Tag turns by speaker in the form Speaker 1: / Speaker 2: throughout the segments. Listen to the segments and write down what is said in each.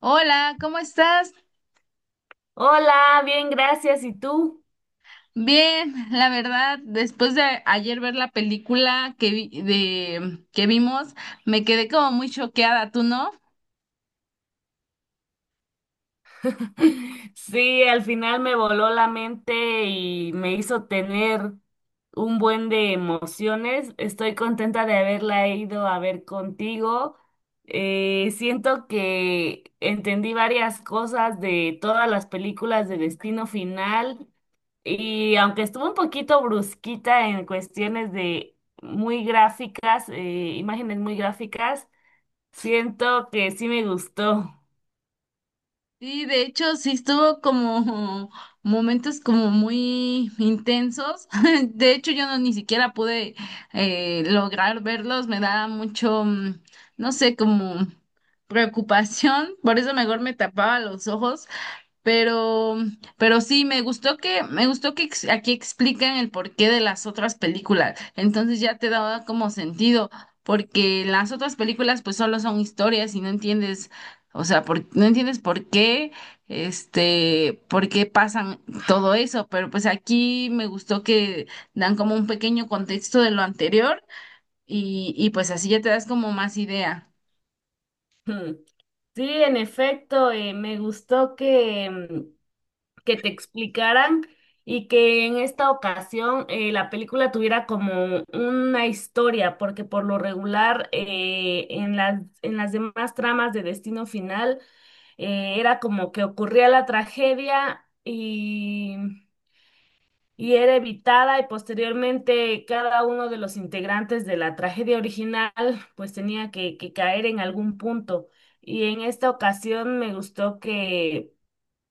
Speaker 1: Hola, ¿cómo estás?
Speaker 2: Hola, bien, gracias. ¿Y tú?
Speaker 1: Bien, la verdad, después de ayer ver la película de que vimos, me quedé como muy choqueada, ¿tú no?
Speaker 2: Sí, al final me voló la mente y me hizo tener un buen de emociones. Estoy contenta de haberla ido a ver contigo. Siento que entendí varias cosas de todas las películas de Destino Final y aunque estuvo un poquito brusquita en cuestiones de muy gráficas, imágenes muy gráficas, siento que sí me gustó.
Speaker 1: Sí, de hecho, sí estuvo como momentos como muy intensos. De hecho, yo no ni siquiera pude lograr verlos. Me da mucho, no sé, como preocupación. Por eso mejor me tapaba los ojos. Pero, pero sí, me gustó que aquí explican el porqué de las otras películas. Entonces ya te daba como sentido, porque las otras películas pues solo son historias y no entiendes, o sea, no entiendes por qué pasan todo eso. Pero pues aquí me gustó que dan como un pequeño contexto de lo anterior y pues así ya te das como más idea.
Speaker 2: Hmm. Sí, en efecto, me gustó que, que te explicaran y que en esta ocasión la película tuviera como una historia, porque por lo regular en las demás tramas de Destino Final era como que ocurría la tragedia y era evitada y posteriormente cada uno de los integrantes de la tragedia original pues tenía que caer en algún punto. Y en esta ocasión me gustó que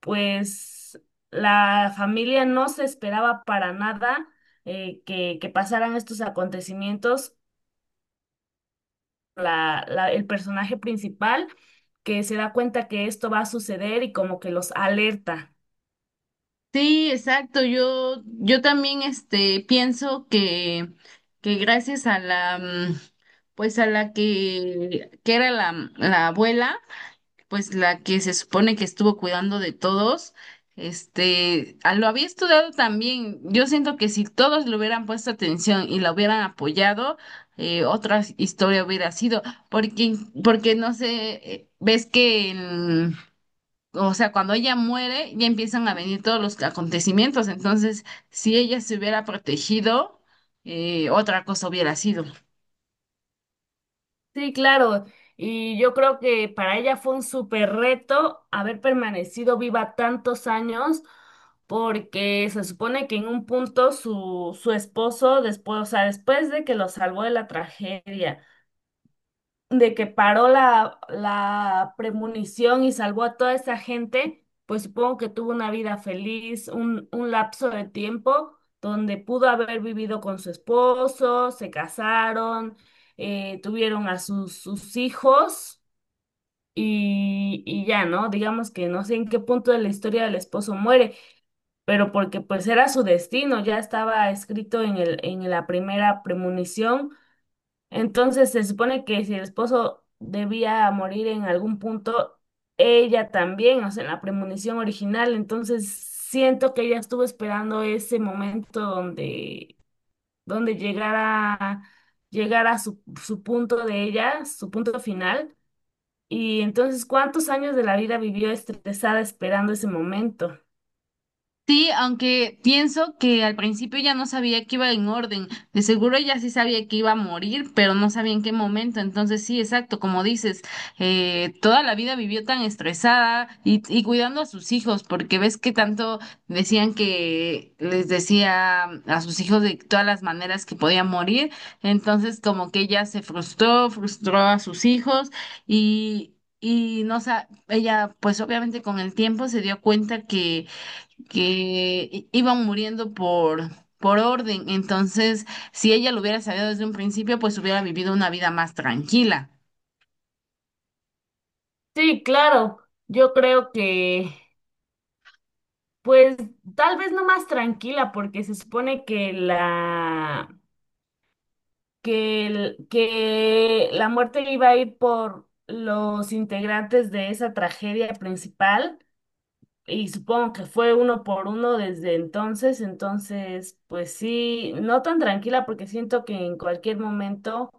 Speaker 2: pues la familia no se esperaba para nada, que pasaran estos acontecimientos. El personaje principal que se da cuenta que esto va a suceder y como que los alerta.
Speaker 1: Sí, exacto. Yo también pienso que, que gracias a la, pues a la que era la abuela, pues la que se supone que estuvo cuidando de todos, lo había estudiado también. Yo siento que si todos le hubieran puesto atención y la hubieran apoyado, otra historia hubiera sido, porque, porque no sé, ves que en, o sea, cuando ella muere, ya empiezan a venir todos los acontecimientos. Entonces, si ella se hubiera protegido, otra cosa hubiera sido.
Speaker 2: Sí, claro. Y yo creo que para ella fue un súper reto haber permanecido viva tantos años, porque se supone que en un punto su esposo, después, o sea, después de que lo salvó de la tragedia, de que paró la premonición y salvó a toda esa gente, pues supongo que tuvo una vida feliz, un lapso de tiempo donde pudo haber vivido con su esposo, se casaron, tuvieron a sus hijos y ya, ¿no? Digamos que no sé en qué punto de la historia del esposo muere, pero porque pues era su destino, ya estaba escrito en la primera premonición. Entonces se supone que si el esposo debía morir en algún punto, ella también, o sea, en la premonición original, entonces siento que ella estuvo esperando ese momento donde, donde llegara, llegara su punto de ella, su punto final. Y entonces, ¿cuántos años de la vida vivió estresada esperando ese momento?
Speaker 1: Sí, aunque pienso que al principio ya no sabía que iba en orden. De seguro ya sí sabía que iba a morir, pero no sabía en qué momento. Entonces sí, exacto, como dices, toda la vida vivió tan estresada y cuidando a sus hijos, porque ves que tanto decían que les decía a sus hijos de todas las maneras que podían morir. Entonces como que ella se frustró, frustró a sus hijos y. Y no, ella pues obviamente con el tiempo se dio cuenta que, que iban muriendo por orden. Entonces, si ella lo hubiera sabido desde un principio, pues hubiera vivido una vida más tranquila.
Speaker 2: Sí, claro, yo creo que, pues, tal vez no más tranquila, porque se supone que la muerte iba a ir por los integrantes de esa tragedia principal y supongo que fue uno por uno desde entonces. Entonces pues sí, no tan tranquila porque siento que en cualquier momento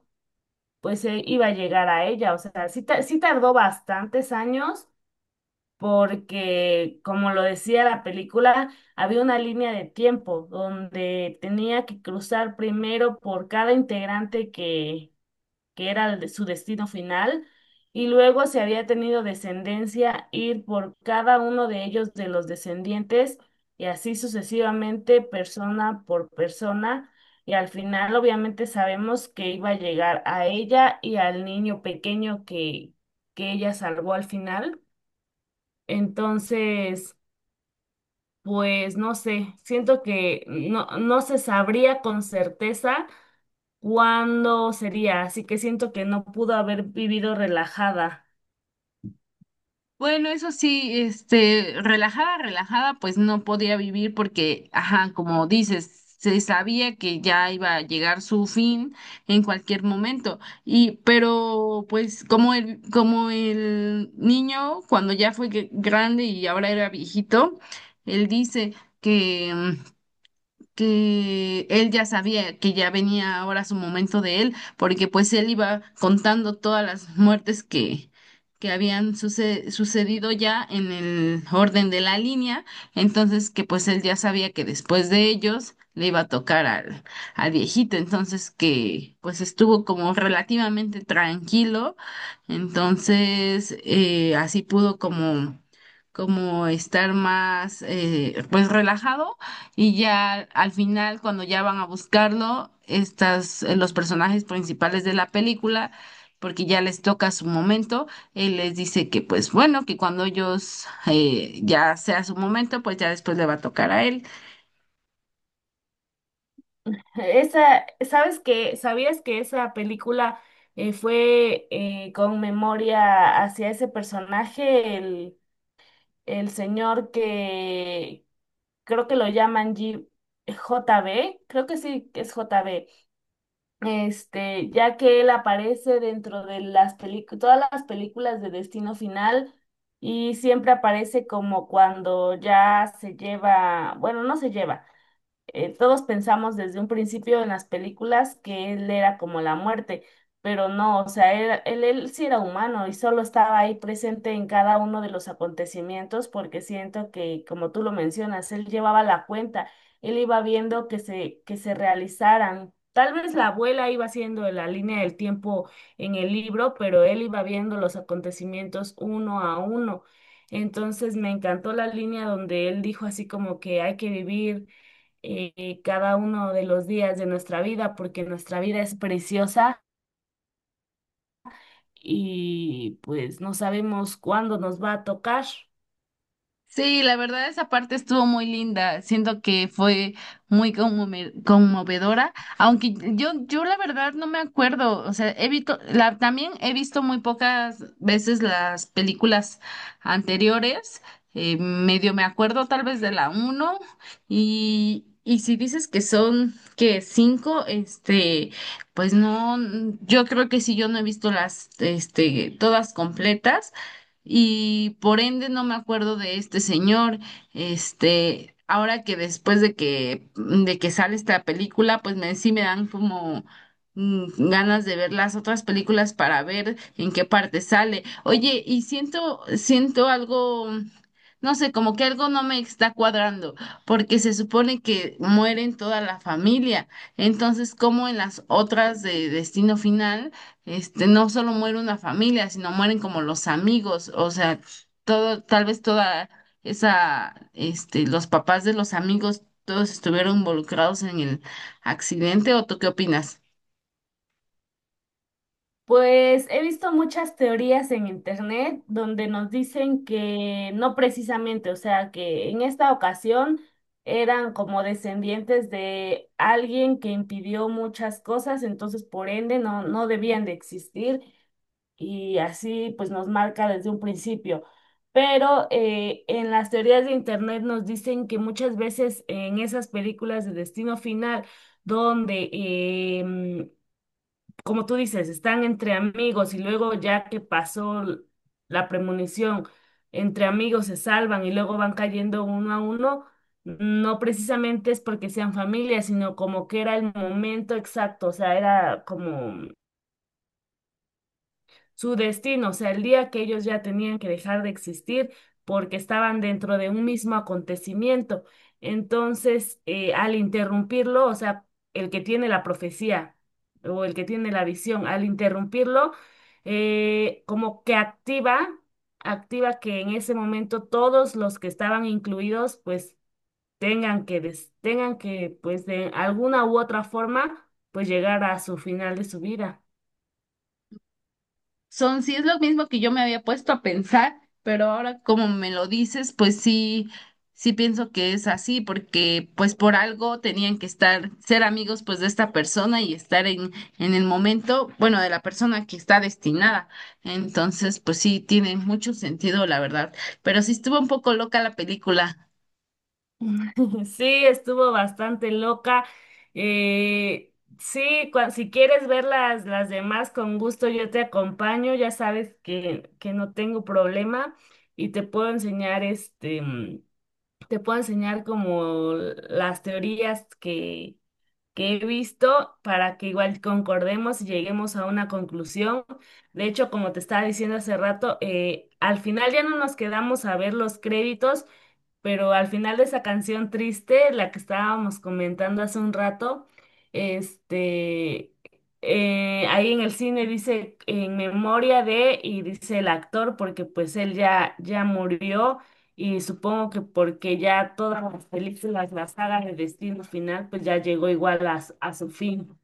Speaker 2: pues iba a llegar a ella. O sea, sí, sí tardó bastantes años porque como lo decía la película, había una línea de tiempo donde tenía que cruzar primero por cada integrante que era su destino final, y luego si había tenido descendencia, ir por cada uno de ellos, de los descendientes, y así sucesivamente, persona por persona, y al final obviamente sabemos que iba a llegar a ella y al niño pequeño que ella salvó al final. Entonces, pues no sé, siento que no se sabría con certeza ¿cuándo sería? Así que siento que no pudo haber vivido relajada.
Speaker 1: Bueno, eso sí, relajada, relajada, pues no podía vivir porque, ajá, como dices, se sabía que ya iba a llegar su fin en cualquier momento. Y, pero, pues, como el niño, cuando ya fue grande y ahora era viejito, él dice que mm, que él ya sabía que ya venía ahora su momento de él, porque pues él iba contando todas las muertes que habían sucedido ya en el orden de la línea, entonces que pues él ya sabía que después de ellos le iba a tocar al viejito, entonces que pues estuvo como relativamente tranquilo, entonces así pudo como estar más pues relajado, y ya al final, cuando ya van a buscarlo, los personajes principales de la película, porque ya les toca su momento, él les dice que pues bueno, que cuando ellos ya sea su momento, pues ya después le va a tocar a él.
Speaker 2: Esa, ¿sabes que ¿Sabías que esa película fue con memoria hacia ese personaje, el señor que creo que lo llaman JB? Creo que sí, que es JB. Este, ya que él aparece dentro de las películas, todas las películas de Destino Final y siempre aparece como cuando ya se lleva, bueno, no se lleva, todos pensamos desde un principio en las películas que él era como la muerte, pero no, o sea, él sí era humano y solo estaba ahí presente en cada uno de los acontecimientos porque siento que, como tú lo mencionas, él llevaba la cuenta, él iba viendo que se realizaran. Tal vez la abuela iba haciendo la línea del tiempo en el libro, pero él iba viendo los acontecimientos uno a uno. Entonces me encantó la línea donde él dijo así como que hay que vivir cada uno de los días de nuestra vida, porque nuestra vida es preciosa y pues no sabemos cuándo nos va a tocar.
Speaker 1: Sí, la verdad esa parte estuvo muy linda. Siento que fue muy conmovedora, aunque yo la verdad no me acuerdo, o sea, he visto la, también he visto muy pocas veces las películas anteriores. Medio me acuerdo tal vez de la uno y si dices que son que cinco, pues no, yo creo que si yo no he visto las todas completas y por ende no me acuerdo de este señor. Ahora que después de que sale esta película, pues sí me dan como ganas de ver las otras películas para ver en qué parte sale. Oye, y siento algo, no sé, como que algo no me está cuadrando, porque se supone que mueren toda la familia. Entonces, ¿cómo en las otras de Destino Final? No solo muere una familia, sino mueren como los amigos, o sea, todo, tal vez toda esa, los papás de los amigos, todos estuvieron involucrados en el accidente, ¿o tú qué opinas?
Speaker 2: Pues he visto muchas teorías en internet donde nos dicen que no precisamente, o sea, que en esta ocasión eran como descendientes de alguien que impidió muchas cosas, entonces por ende no debían de existir y así pues nos marca desde un principio. Pero en las teorías de Internet nos dicen que muchas veces en esas películas de destino final, donde, em, como tú dices, están entre amigos y luego ya que pasó la premonición, entre amigos se salvan y luego van cayendo uno a uno, no precisamente es porque sean familia, sino como que era el momento exacto, o sea, era como su destino, o sea, el día que ellos ya tenían que dejar de existir porque estaban dentro de un mismo acontecimiento. Entonces, al interrumpirlo, o sea, el que tiene la profecía o el que tiene la visión, al interrumpirlo, eh, como que activa, activa que en ese momento todos los que estaban incluidos, pues tengan que, pues de alguna u otra forma, pues llegar a su final de su vida.
Speaker 1: Son, sí, es lo mismo que yo me había puesto a pensar, pero ahora como me lo dices, pues sí, sí pienso que es así, porque pues por algo tenían que estar, ser amigos pues de esta persona y estar en el momento, bueno, de la persona que está destinada. Entonces, pues sí, tiene mucho sentido, la verdad. Pero sí estuvo un poco loca la película.
Speaker 2: Sí, estuvo bastante loca. Eh, sí, si quieres ver las demás, con gusto yo te acompaño. Ya sabes que no tengo problema y te puedo enseñar este, te puedo enseñar como las teorías que he visto para que igual concordemos y lleguemos a una conclusión. De hecho, como te estaba diciendo hace rato, al final ya no nos quedamos a ver los créditos, pero al final de esa canción triste, la que estábamos comentando hace un rato, este, ahí en el cine dice en memoria de, y dice el actor, porque pues él ya murió y supongo que porque ya todas las películas, la saga de Destino Final, pues ya llegó igual a, a su fin.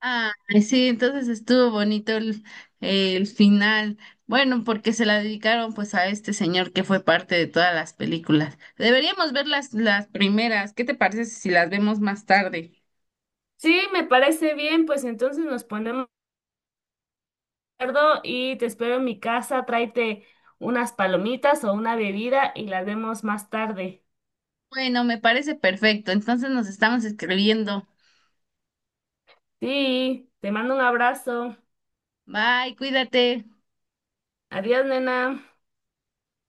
Speaker 1: Ah, sí, entonces estuvo bonito el final. Bueno, porque se la dedicaron pues a este señor que fue parte de todas las películas. Deberíamos ver las primeras. ¿Qué te parece si las vemos más tarde?
Speaker 2: Sí, me parece bien, pues entonces nos ponemos de acuerdo y te espero en mi casa, tráete unas palomitas o una bebida y las vemos más tarde.
Speaker 1: Bueno, me parece perfecto. Entonces nos estamos escribiendo.
Speaker 2: Sí, te mando un abrazo.
Speaker 1: Bye, cuídate.
Speaker 2: Adiós, nena.